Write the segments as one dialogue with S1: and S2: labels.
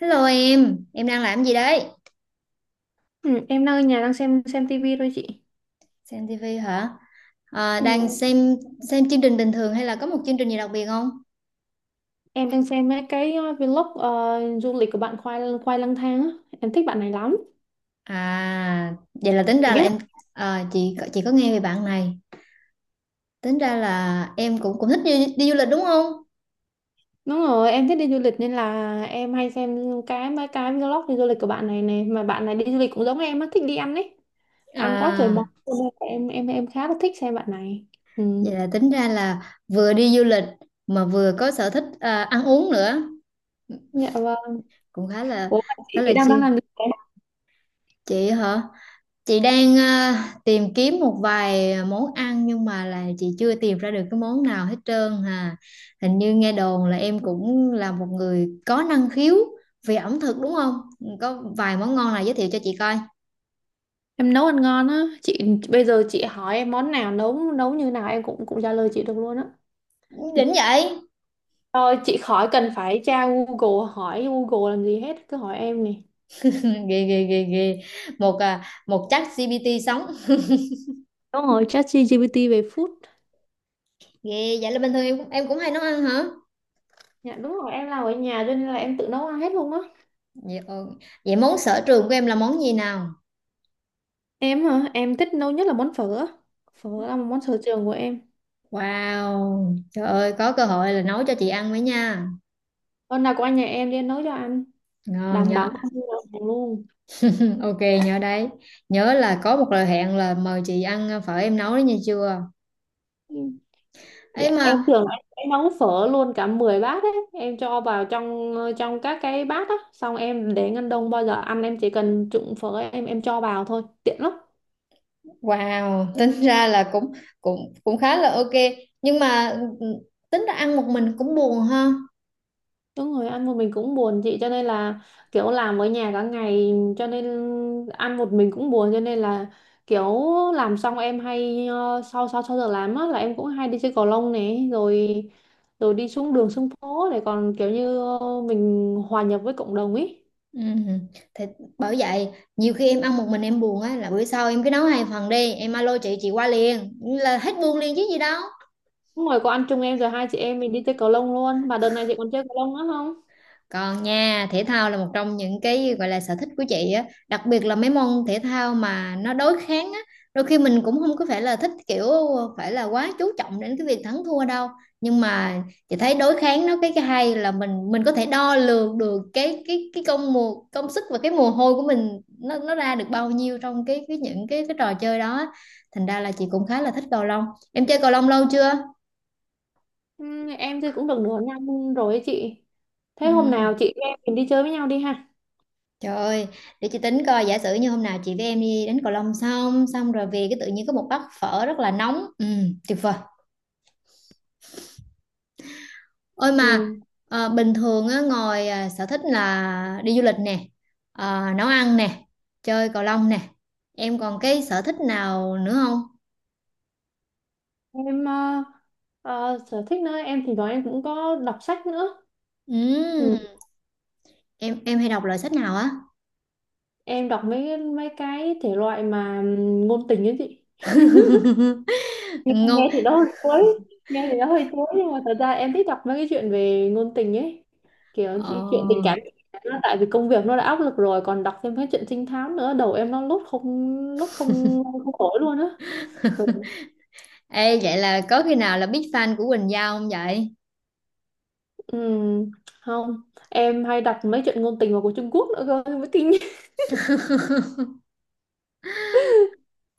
S1: Hello em đang làm gì đấy?
S2: Ừ, em đang ở nhà đang xem tivi thôi chị.
S1: Xem TV hả? À,
S2: Dạ.
S1: đang xem chương trình bình thường hay là có một chương trình gì đặc biệt không?
S2: Em đang xem mấy cái vlog du lịch của bạn Khoai Khoai lang thang á. Em thích bạn này lắm.
S1: À, vậy là tính
S2: Chị
S1: ra
S2: biết
S1: là em
S2: không?
S1: à, chị có nghe về bạn này. Tính ra là em cũng cũng thích đi du lịch đúng không?
S2: Đúng rồi, em thích đi du lịch nên là em hay xem mấy cái vlog đi du lịch của bạn này này mà bạn này đi du lịch cũng giống em á, thích đi ăn ấy. Ăn quá trời món.
S1: À,
S2: Cho nên là em khá là thích xem bạn này. Ừ.
S1: vậy là tính ra là vừa đi du lịch mà vừa có sở thích à, ăn uống nữa,
S2: Dạ vâng.
S1: cũng
S2: Ủa mà chị
S1: khá là
S2: thì đang đang
S1: chill.
S2: làm gì nào?
S1: Chị hả? Chị đang tìm kiếm một vài món ăn nhưng mà là chị chưa tìm ra được cái món nào hết trơn hà. Hình như nghe đồn là em cũng là một người có năng khiếu về ẩm thực đúng không? Có vài món ngon nào giới thiệu cho chị coi.
S2: Em nấu ăn ngon á. Chị, bây giờ chị hỏi em món nào nấu nấu như nào em cũng cũng trả lời chị được luôn á.
S1: Đỉnh vậy.
S2: Thôi chị khỏi cần phải tra Google, hỏi Google làm gì hết, cứ hỏi em nè.
S1: ghê ghê ghê ghê. Một chắc GPT sống.
S2: Đúng rồi, ChatGPT về food.
S1: Ghê vậy là bình thường em cũng hay nấu ăn hả?
S2: Dạ đúng rồi, em làm ở nhà cho nên là em tự nấu ăn hết luôn á.
S1: Vậy, ờ, vậy món sở trường của em là món gì nào?
S2: Em hả? Em thích nấu nhất là món phở á. Phở là một món sở trường của em.
S1: Wow, trời ơi có cơ hội là nấu cho chị ăn mới nha.
S2: Hôm nào qua nhà em đi, em nấu cho anh.
S1: Ngon
S2: Đảm bảo
S1: nha.
S2: không mua đồng hàng luôn.
S1: Ok, nhớ đấy. Nhớ là có một lời hẹn là mời chị ăn phở em nấu đấy nha chưa
S2: Ừ. Dạ
S1: ấy
S2: em
S1: mà.
S2: tưởng là em sẽ nấu phở luôn cả 10 bát ấy. Em cho vào trong trong các cái bát á. Xong em để ngăn đông, bao giờ ăn em chỉ cần trụng phở, em cho vào thôi. Tiện lắm.
S1: Wow, tính ra là cũng cũng cũng khá là ok. Nhưng mà ừ, tính ra ăn một mình cũng buồn ha.
S2: Đúng rồi, ăn một mình cũng buồn chị, cho nên là kiểu làm ở nhà cả ngày, cho nên ăn một mình cũng buồn, cho nên là kiểu làm xong em hay sau sau sau giờ làm á là em cũng hay đi chơi cầu lông này rồi rồi đi xuống đường xuống phố để còn kiểu như mình hòa nhập với cộng đồng ấy.
S1: Ừ. Thì bởi vậy nhiều khi em ăn một mình em buồn á. Là bữa sau em cứ nấu hai phần đi. Em alo chị qua liền, là hết buồn liền chứ gì đâu.
S2: Đúng rồi, có anh chung em rồi, hai chị em mình đi chơi cầu lông luôn. Mà đợt này chị còn chơi cầu lông nữa không?
S1: Còn nha, thể thao là một trong những cái gọi là sở thích của chị á, đặc biệt là mấy môn thể thao mà nó đối kháng á, đôi khi mình cũng không có phải là thích kiểu phải là quá chú trọng đến cái việc thắng thua đâu. Nhưng mà chị thấy đối kháng nó cái hay là mình có thể đo lường được cái công công sức và cái mồ hôi của mình nó ra được bao nhiêu trong cái những cái trò chơi đó á. Thành ra là chị cũng khá là thích cầu lông. Em chơi cầu lông lâu chưa?
S2: Ừ, em chơi cũng được nửa năm rồi ấy chị. Thế hôm
S1: Ừ.
S2: nào chị em mình đi chơi với nhau đi ha.
S1: Trời ơi, để chị tính coi, giả sử như hôm nào chị với em đi đến Cầu Long xong xong rồi về cái tự nhiên có một bát phở rất là nóng. Ừ, tuyệt vời. Ôi
S2: Ừ.
S1: mà bình thường á ngồi à, sở thích là đi du lịch nè, nấu ăn nè, chơi Cầu Long nè. Em còn cái sở thích nào nữa không?
S2: Em sở thích nữa em thì nói em cũng có đọc sách nữa. Ừ,
S1: Ừ, em hay đọc loại sách nào á?
S2: em đọc mấy mấy cái thể loại mà ngôn tình ấy chị. nghe,
S1: Ngon.
S2: nghe thì nó hơi chuối. Nghe thì nó hơi chuối nhưng mà thật ra em thích đọc mấy cái chuyện về ngôn tình ấy, kiểu
S1: Ờ,
S2: chuyện tình cảm. Nó tại vì công việc nó đã áp lực rồi còn đọc thêm cái chuyện trinh thám nữa, đầu em nó lốt không không khỏi luôn á. Ừ.
S1: ê vậy là có khi nào là big fan của Quỳnh Giao không vậy?
S2: Ừm, không. Em hay đọc mấy chuyện ngôn tình mà của Trung Quốc nữa cơ mới kinh.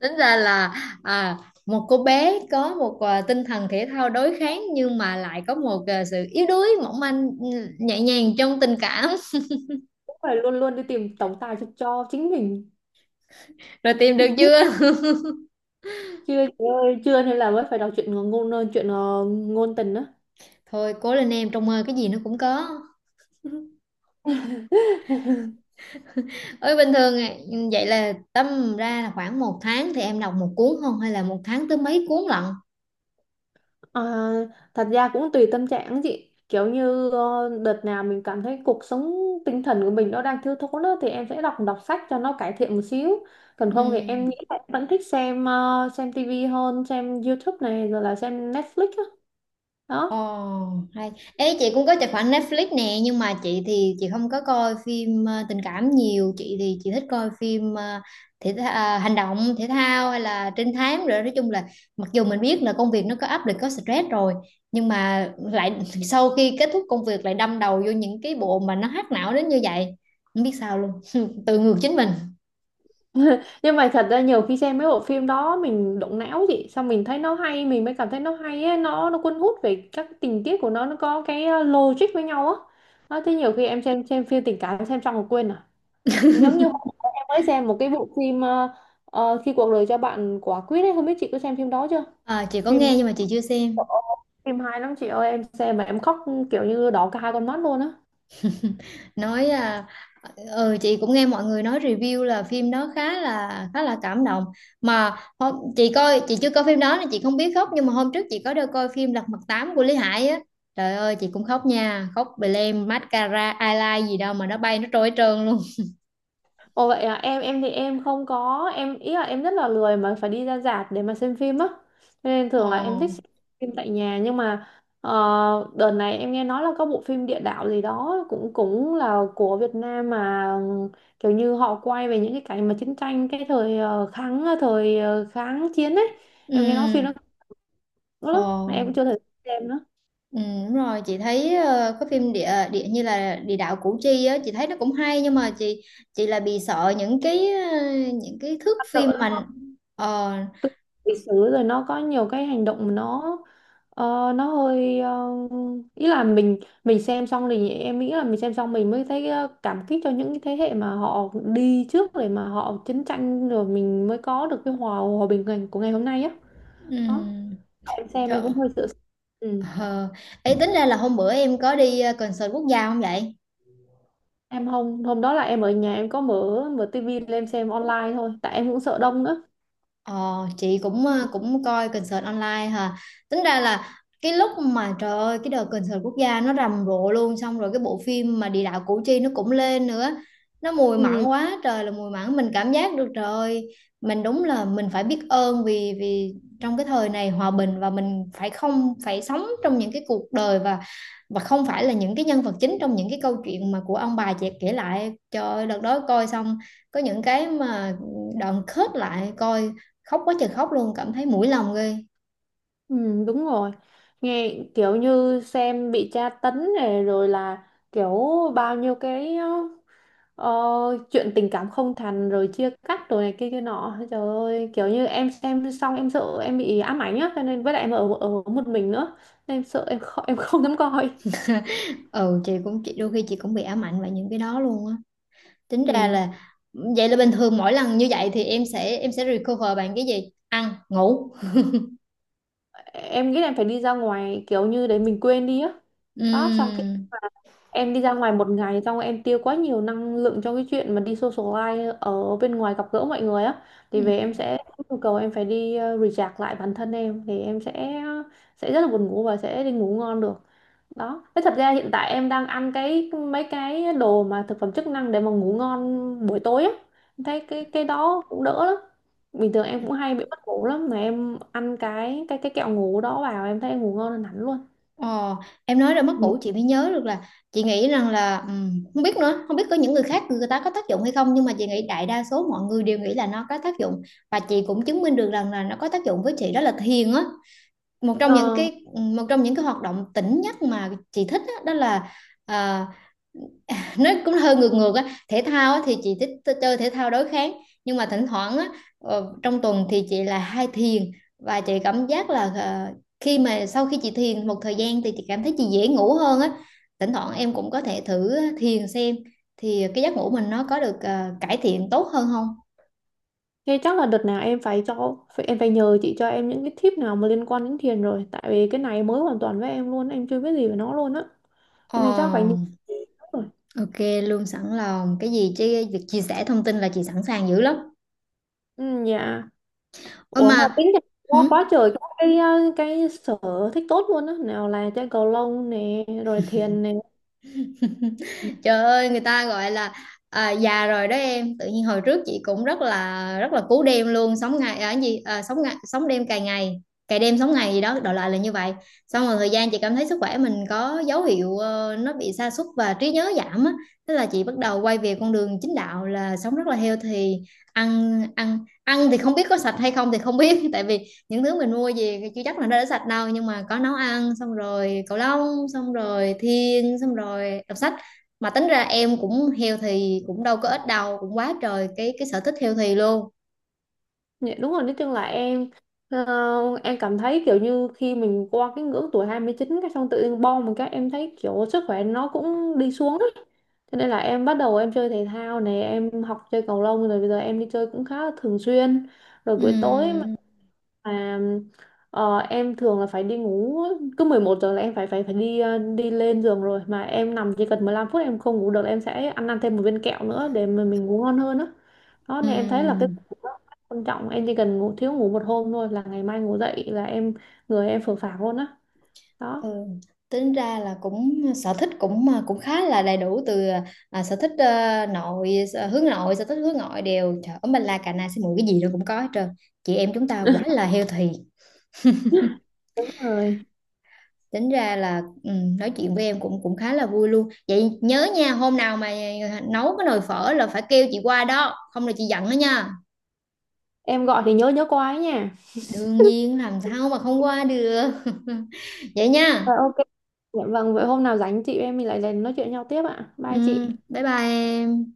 S1: Tính ra là à, một cô bé có một à, tinh thần thể thao đối kháng nhưng mà lại có một à, sự yếu đuối mỏng manh ừ, nhẹ nhàng trong tình cảm.
S2: Phải luôn luôn đi tìm tổng tài cho chính mình.
S1: Rồi tìm được chưa?
S2: Chưa chị ơi, chưa, nên là mới phải đọc chuyện ngôn tình đó.
S1: Thôi cố lên em, trong mơ cái gì nó cũng có. Ơi bình thường à, vậy là tâm ra là khoảng một tháng thì em đọc một cuốn không, hay là một tháng tới mấy cuốn lận?
S2: À, thật ra cũng tùy tâm trạng á chị, kiểu như đợt nào mình cảm thấy cuộc sống tinh thần của mình nó đang thiếu thốn á, thì em sẽ đọc đọc sách cho nó cải thiện một xíu. Còn không thì em nghĩ
S1: Ừ.
S2: là em vẫn thích xem tivi hơn, xem YouTube này rồi là xem Netflix á.
S1: Ồ,
S2: Đó.
S1: hay. Ê, chị cũng có tài khoản Netflix nè, nhưng mà chị thì chị không có coi phim ờ, tình cảm nhiều, chị thì chị thích coi phim ờ, hành động, thể thao hay là trinh thám, rồi nói chung là mặc dù mình biết là công việc nó có áp lực, có stress rồi, nhưng mà lại sau khi kết thúc công việc lại đâm đầu vô những cái bộ mà nó hack não đến như vậy, không biết sao luôn, tự ngược chính mình.
S2: Nhưng mà thật ra nhiều khi xem mấy bộ phim đó mình động não chị, xong mình thấy nó hay, mình mới cảm thấy nó hay á, nó cuốn hút về các tình tiết của nó có cái logic với nhau á. Đó, thế nhiều khi em xem phim tình cảm xem xong rồi quên à. Giống như hôm bữa em mới xem một cái bộ phim khi cuộc đời cho bạn quả quýt ấy, không biết chị có xem phim đó chưa.
S1: À, chị có
S2: phim
S1: nghe nhưng mà chị chưa xem.
S2: phim hay lắm chị ơi, em xem mà em khóc, kiểu như đỏ cả hai con mắt luôn á.
S1: nói à, ừ, chị cũng nghe mọi người nói review là phim đó khá là cảm động. Mà chị coi, chị chưa coi phim đó nên chị không biết khóc, nhưng mà hôm trước chị có đi coi phim Lật Mặt Tám của Lý Hải á. Trời ơi chị cũng khóc nha, khóc bì lem mascara eyeliner gì đâu mà nó bay nó trôi hết trơn luôn.
S2: Ồ vậy à, em thì em không có em ý là em rất là lười mà phải đi ra rạp để mà xem phim á. Cho nên thường là em thích xem
S1: Ồ.
S2: phim tại nhà nhưng mà ờ, đợt này em nghe nói là có bộ phim địa đạo gì đó cũng cũng là của Việt Nam, mà kiểu như họ quay về những cái cảnh mà chiến tranh, cái kháng chiến ấy. Em nghe nói phim nó
S1: Ừ.
S2: cũng lắm mà em cũng chưa
S1: Ồ.
S2: thể xem nữa.
S1: Ừ. Đúng rồi, chị thấy có phim địa địa như là địa đạo Củ Chi á, chị thấy nó cũng hay, nhưng mà chị là bị sợ những cái ờ, những cái thước phim mà. Ờ.
S2: Lịch sử rồi nó có nhiều cái hành động mà nó hơi ý là mình xem xong, thì em nghĩ là mình xem xong mình mới thấy cảm kích cho những cái thế hệ mà họ đi trước, để mà họ chiến tranh rồi mình mới có được cái hòa hòa bình của ngày hôm nay á.
S1: Ừ.
S2: Đó. Em xem em
S1: Trời!
S2: cũng hơi sợ. Ừ.
S1: Ờ, ấy tính ra là hôm bữa em có đi, ơ, concert quốc gia không vậy?
S2: Em hôm hôm đó là em ở nhà, em có mở mở tivi lên em xem online thôi, tại em cũng sợ đông nữa.
S1: Ờ, chị cũng ờ, cũng coi concert online hả. Tính ra là cái lúc mà trời ơi cái đợt concert quốc gia nó rầm rộ luôn, xong rồi cái bộ phim mà địa đạo Củ Chi nó cũng lên nữa, nó mùi mặn
S2: Ừ,
S1: quá trời là mùi mặn, mình cảm giác được. Trời ơi mình đúng là mình phải biết ơn vì vì trong cái thời này hòa bình, và mình phải không phải sống trong những cái cuộc đời, và không phải là những cái nhân vật chính trong những cái câu chuyện mà của ông bà chị kể lại. Trời ơi đợt đó coi xong, có những cái mà đoạn khớp lại coi, khóc quá trời khóc luôn, cảm thấy mũi lòng ghê.
S2: ừ, đúng rồi, nghe kiểu như xem bị tra tấn này, rồi là kiểu bao nhiêu cái ờ, chuyện tình cảm không thành rồi chia cắt rồi này kia kia nọ, trời ơi kiểu như em xem xong em sợ em bị ám ảnh á, cho nên với lại em ở ở một mình nữa nên em sợ em không dám coi.
S1: Ừ, chị cũng, chị đôi khi chị cũng bị ám ảnh bởi những cái đó luôn á. Tính ra
S2: Ừ.
S1: là vậy là bình thường mỗi lần như vậy thì em sẽ recover bằng cái gì, ăn ngủ?
S2: Em nghĩ là em phải đi ra ngoài kiểu như để mình quên đi á. Đó, xong cái
S1: Ừm,
S2: em đi ra ngoài một ngày, xong em tiêu quá nhiều năng lượng cho cái chuyện mà đi socialize ở bên ngoài gặp gỡ mọi người á, thì về
S1: ừm.
S2: em sẽ nhu cầu em phải đi recharge lại bản thân em, thì em sẽ rất là buồn ngủ và sẽ đi ngủ ngon được. Đó, thế thật ra hiện tại em đang ăn cái mấy cái đồ mà thực phẩm chức năng để mà ngủ ngon buổi tối á. Em thấy cái đó cũng đỡ lắm. Bình thường em cũng hay bị mất ngủ lắm mà em ăn cái kẹo ngủ đó vào em thấy em ngủ ngon hơn hẳn luôn.
S1: Ờ, em nói ra mất
S2: Ừ.
S1: ngủ chị mới nhớ được là chị nghĩ rằng là không biết nữa, không biết có những người khác người ta có tác dụng hay không, nhưng mà chị nghĩ đại đa số mọi người đều nghĩ là nó có tác dụng, và chị cũng chứng minh được rằng là nó có tác dụng với chị, đó là thiền á. một trong
S2: Ờ,
S1: những cái Một trong những cái hoạt động tỉnh nhất mà chị thích á, đó, là à, nó cũng hơi ngược ngược á. Thể thao á, thì chị thích chơi thể thao đối kháng nhưng mà thỉnh thoảng á, trong tuần thì chị là hay thiền, và chị cảm giác là ờ, khi mà sau khi chị thiền một thời gian thì chị cảm thấy chị dễ ngủ hơn á. Thỉnh thoảng em cũng có thể thử thiền xem thì cái giấc ngủ mình nó có được cải thiện tốt hơn không.
S2: thế chắc là đợt nào em phải nhờ chị cho em những cái tip nào mà liên quan đến thiền, rồi tại vì cái này mới hoàn toàn với em luôn, em chưa biết gì về nó luôn á.
S1: Ờ,
S2: Cho nên chắc phải nhờ. Rồi.
S1: ok luôn, sẵn lòng. Cái gì chứ việc chia sẻ thông tin là chị sẵn sàng dữ lắm.
S2: Ừ, dạ.
S1: Ơ
S2: Ủa mà
S1: mà
S2: tính ra
S1: hử?
S2: quá quá trời các cái cái sở thích tốt luôn á, nào là chơi cầu lông nè rồi thiền nè.
S1: Trời ơi người ta gọi là à, già rồi đó em. Tự nhiên hồi trước chị cũng rất là cú đêm luôn, sống ngày ở gì à, sống ngày, sống đêm, cày ngày cày đêm, sống ngày gì đó, đại loại là như vậy. Xong rồi thời gian chị cảm thấy sức khỏe mình có dấu hiệu ờ, nó bị sa sút và trí nhớ giảm á, thế là chị bắt đầu quay về con đường chính đạo là sống rất là healthy. Ăn ăn ăn thì không biết có sạch hay không thì không biết, tại vì những thứ mình mua về thì chưa chắc là nó đã sạch đâu, nhưng mà có nấu ăn xong rồi cầu lông xong rồi thiền xong rồi đọc sách. Mà tính ra em cũng healthy cũng đâu có ít đâu, cũng quá trời cái sở thích healthy luôn.
S2: Dạ, đúng rồi, nói chung là em em cảm thấy kiểu như khi mình qua cái ngưỡng tuổi 29, cái xong tự nhiên bom một cái em thấy kiểu sức khỏe nó cũng đi xuống á. Cho nên là em bắt đầu em chơi thể thao này, em học chơi cầu lông rồi bây giờ em đi chơi cũng khá là thường xuyên. Rồi buổi tối
S1: Ừm,
S2: mà, em thường là phải đi ngủ, cứ 11 giờ là em phải phải phải đi, đi lên giường rồi, mà em nằm chỉ cần 15 phút em không ngủ được là em sẽ ăn ăn thêm một viên kẹo nữa để mà mình ngủ ngon hơn á. Đó nên em thấy là cái
S1: ừm.
S2: giấc ngủ rất quan trọng, em chỉ cần thiếu ngủ một hôm thôi là ngày mai ngủ dậy là em, người em phờ phạc luôn á.
S1: Ừ.
S2: Đó.
S1: Tính ra là cũng sở thích cũng mà cũng khá là đầy đủ từ à, sở thích ờ, hướng nội, sở thích hướng ngoại đều. Trời ơi mình là cà na xí muội, cái gì nó cũng có hết trơn. Chị em chúng ta quá là healthy.
S2: Đúng rồi.
S1: Tính ra là ừ, nói chuyện với em cũng cũng khá là vui luôn. Vậy nhớ nha, hôm nào mà nấu cái nồi phở là phải kêu chị qua đó, không là chị giận đó nha.
S2: Em gọi thì nhớ nhớ qua ấy nha.
S1: Đương nhiên làm sao mà không qua được. Vậy nha.
S2: Rồi. Dạ vâng, vậy hôm nào rảnh chị em mình lại lên nói chuyện nhau tiếp ạ.
S1: Ừ,
S2: Bye chị.
S1: bye bye em.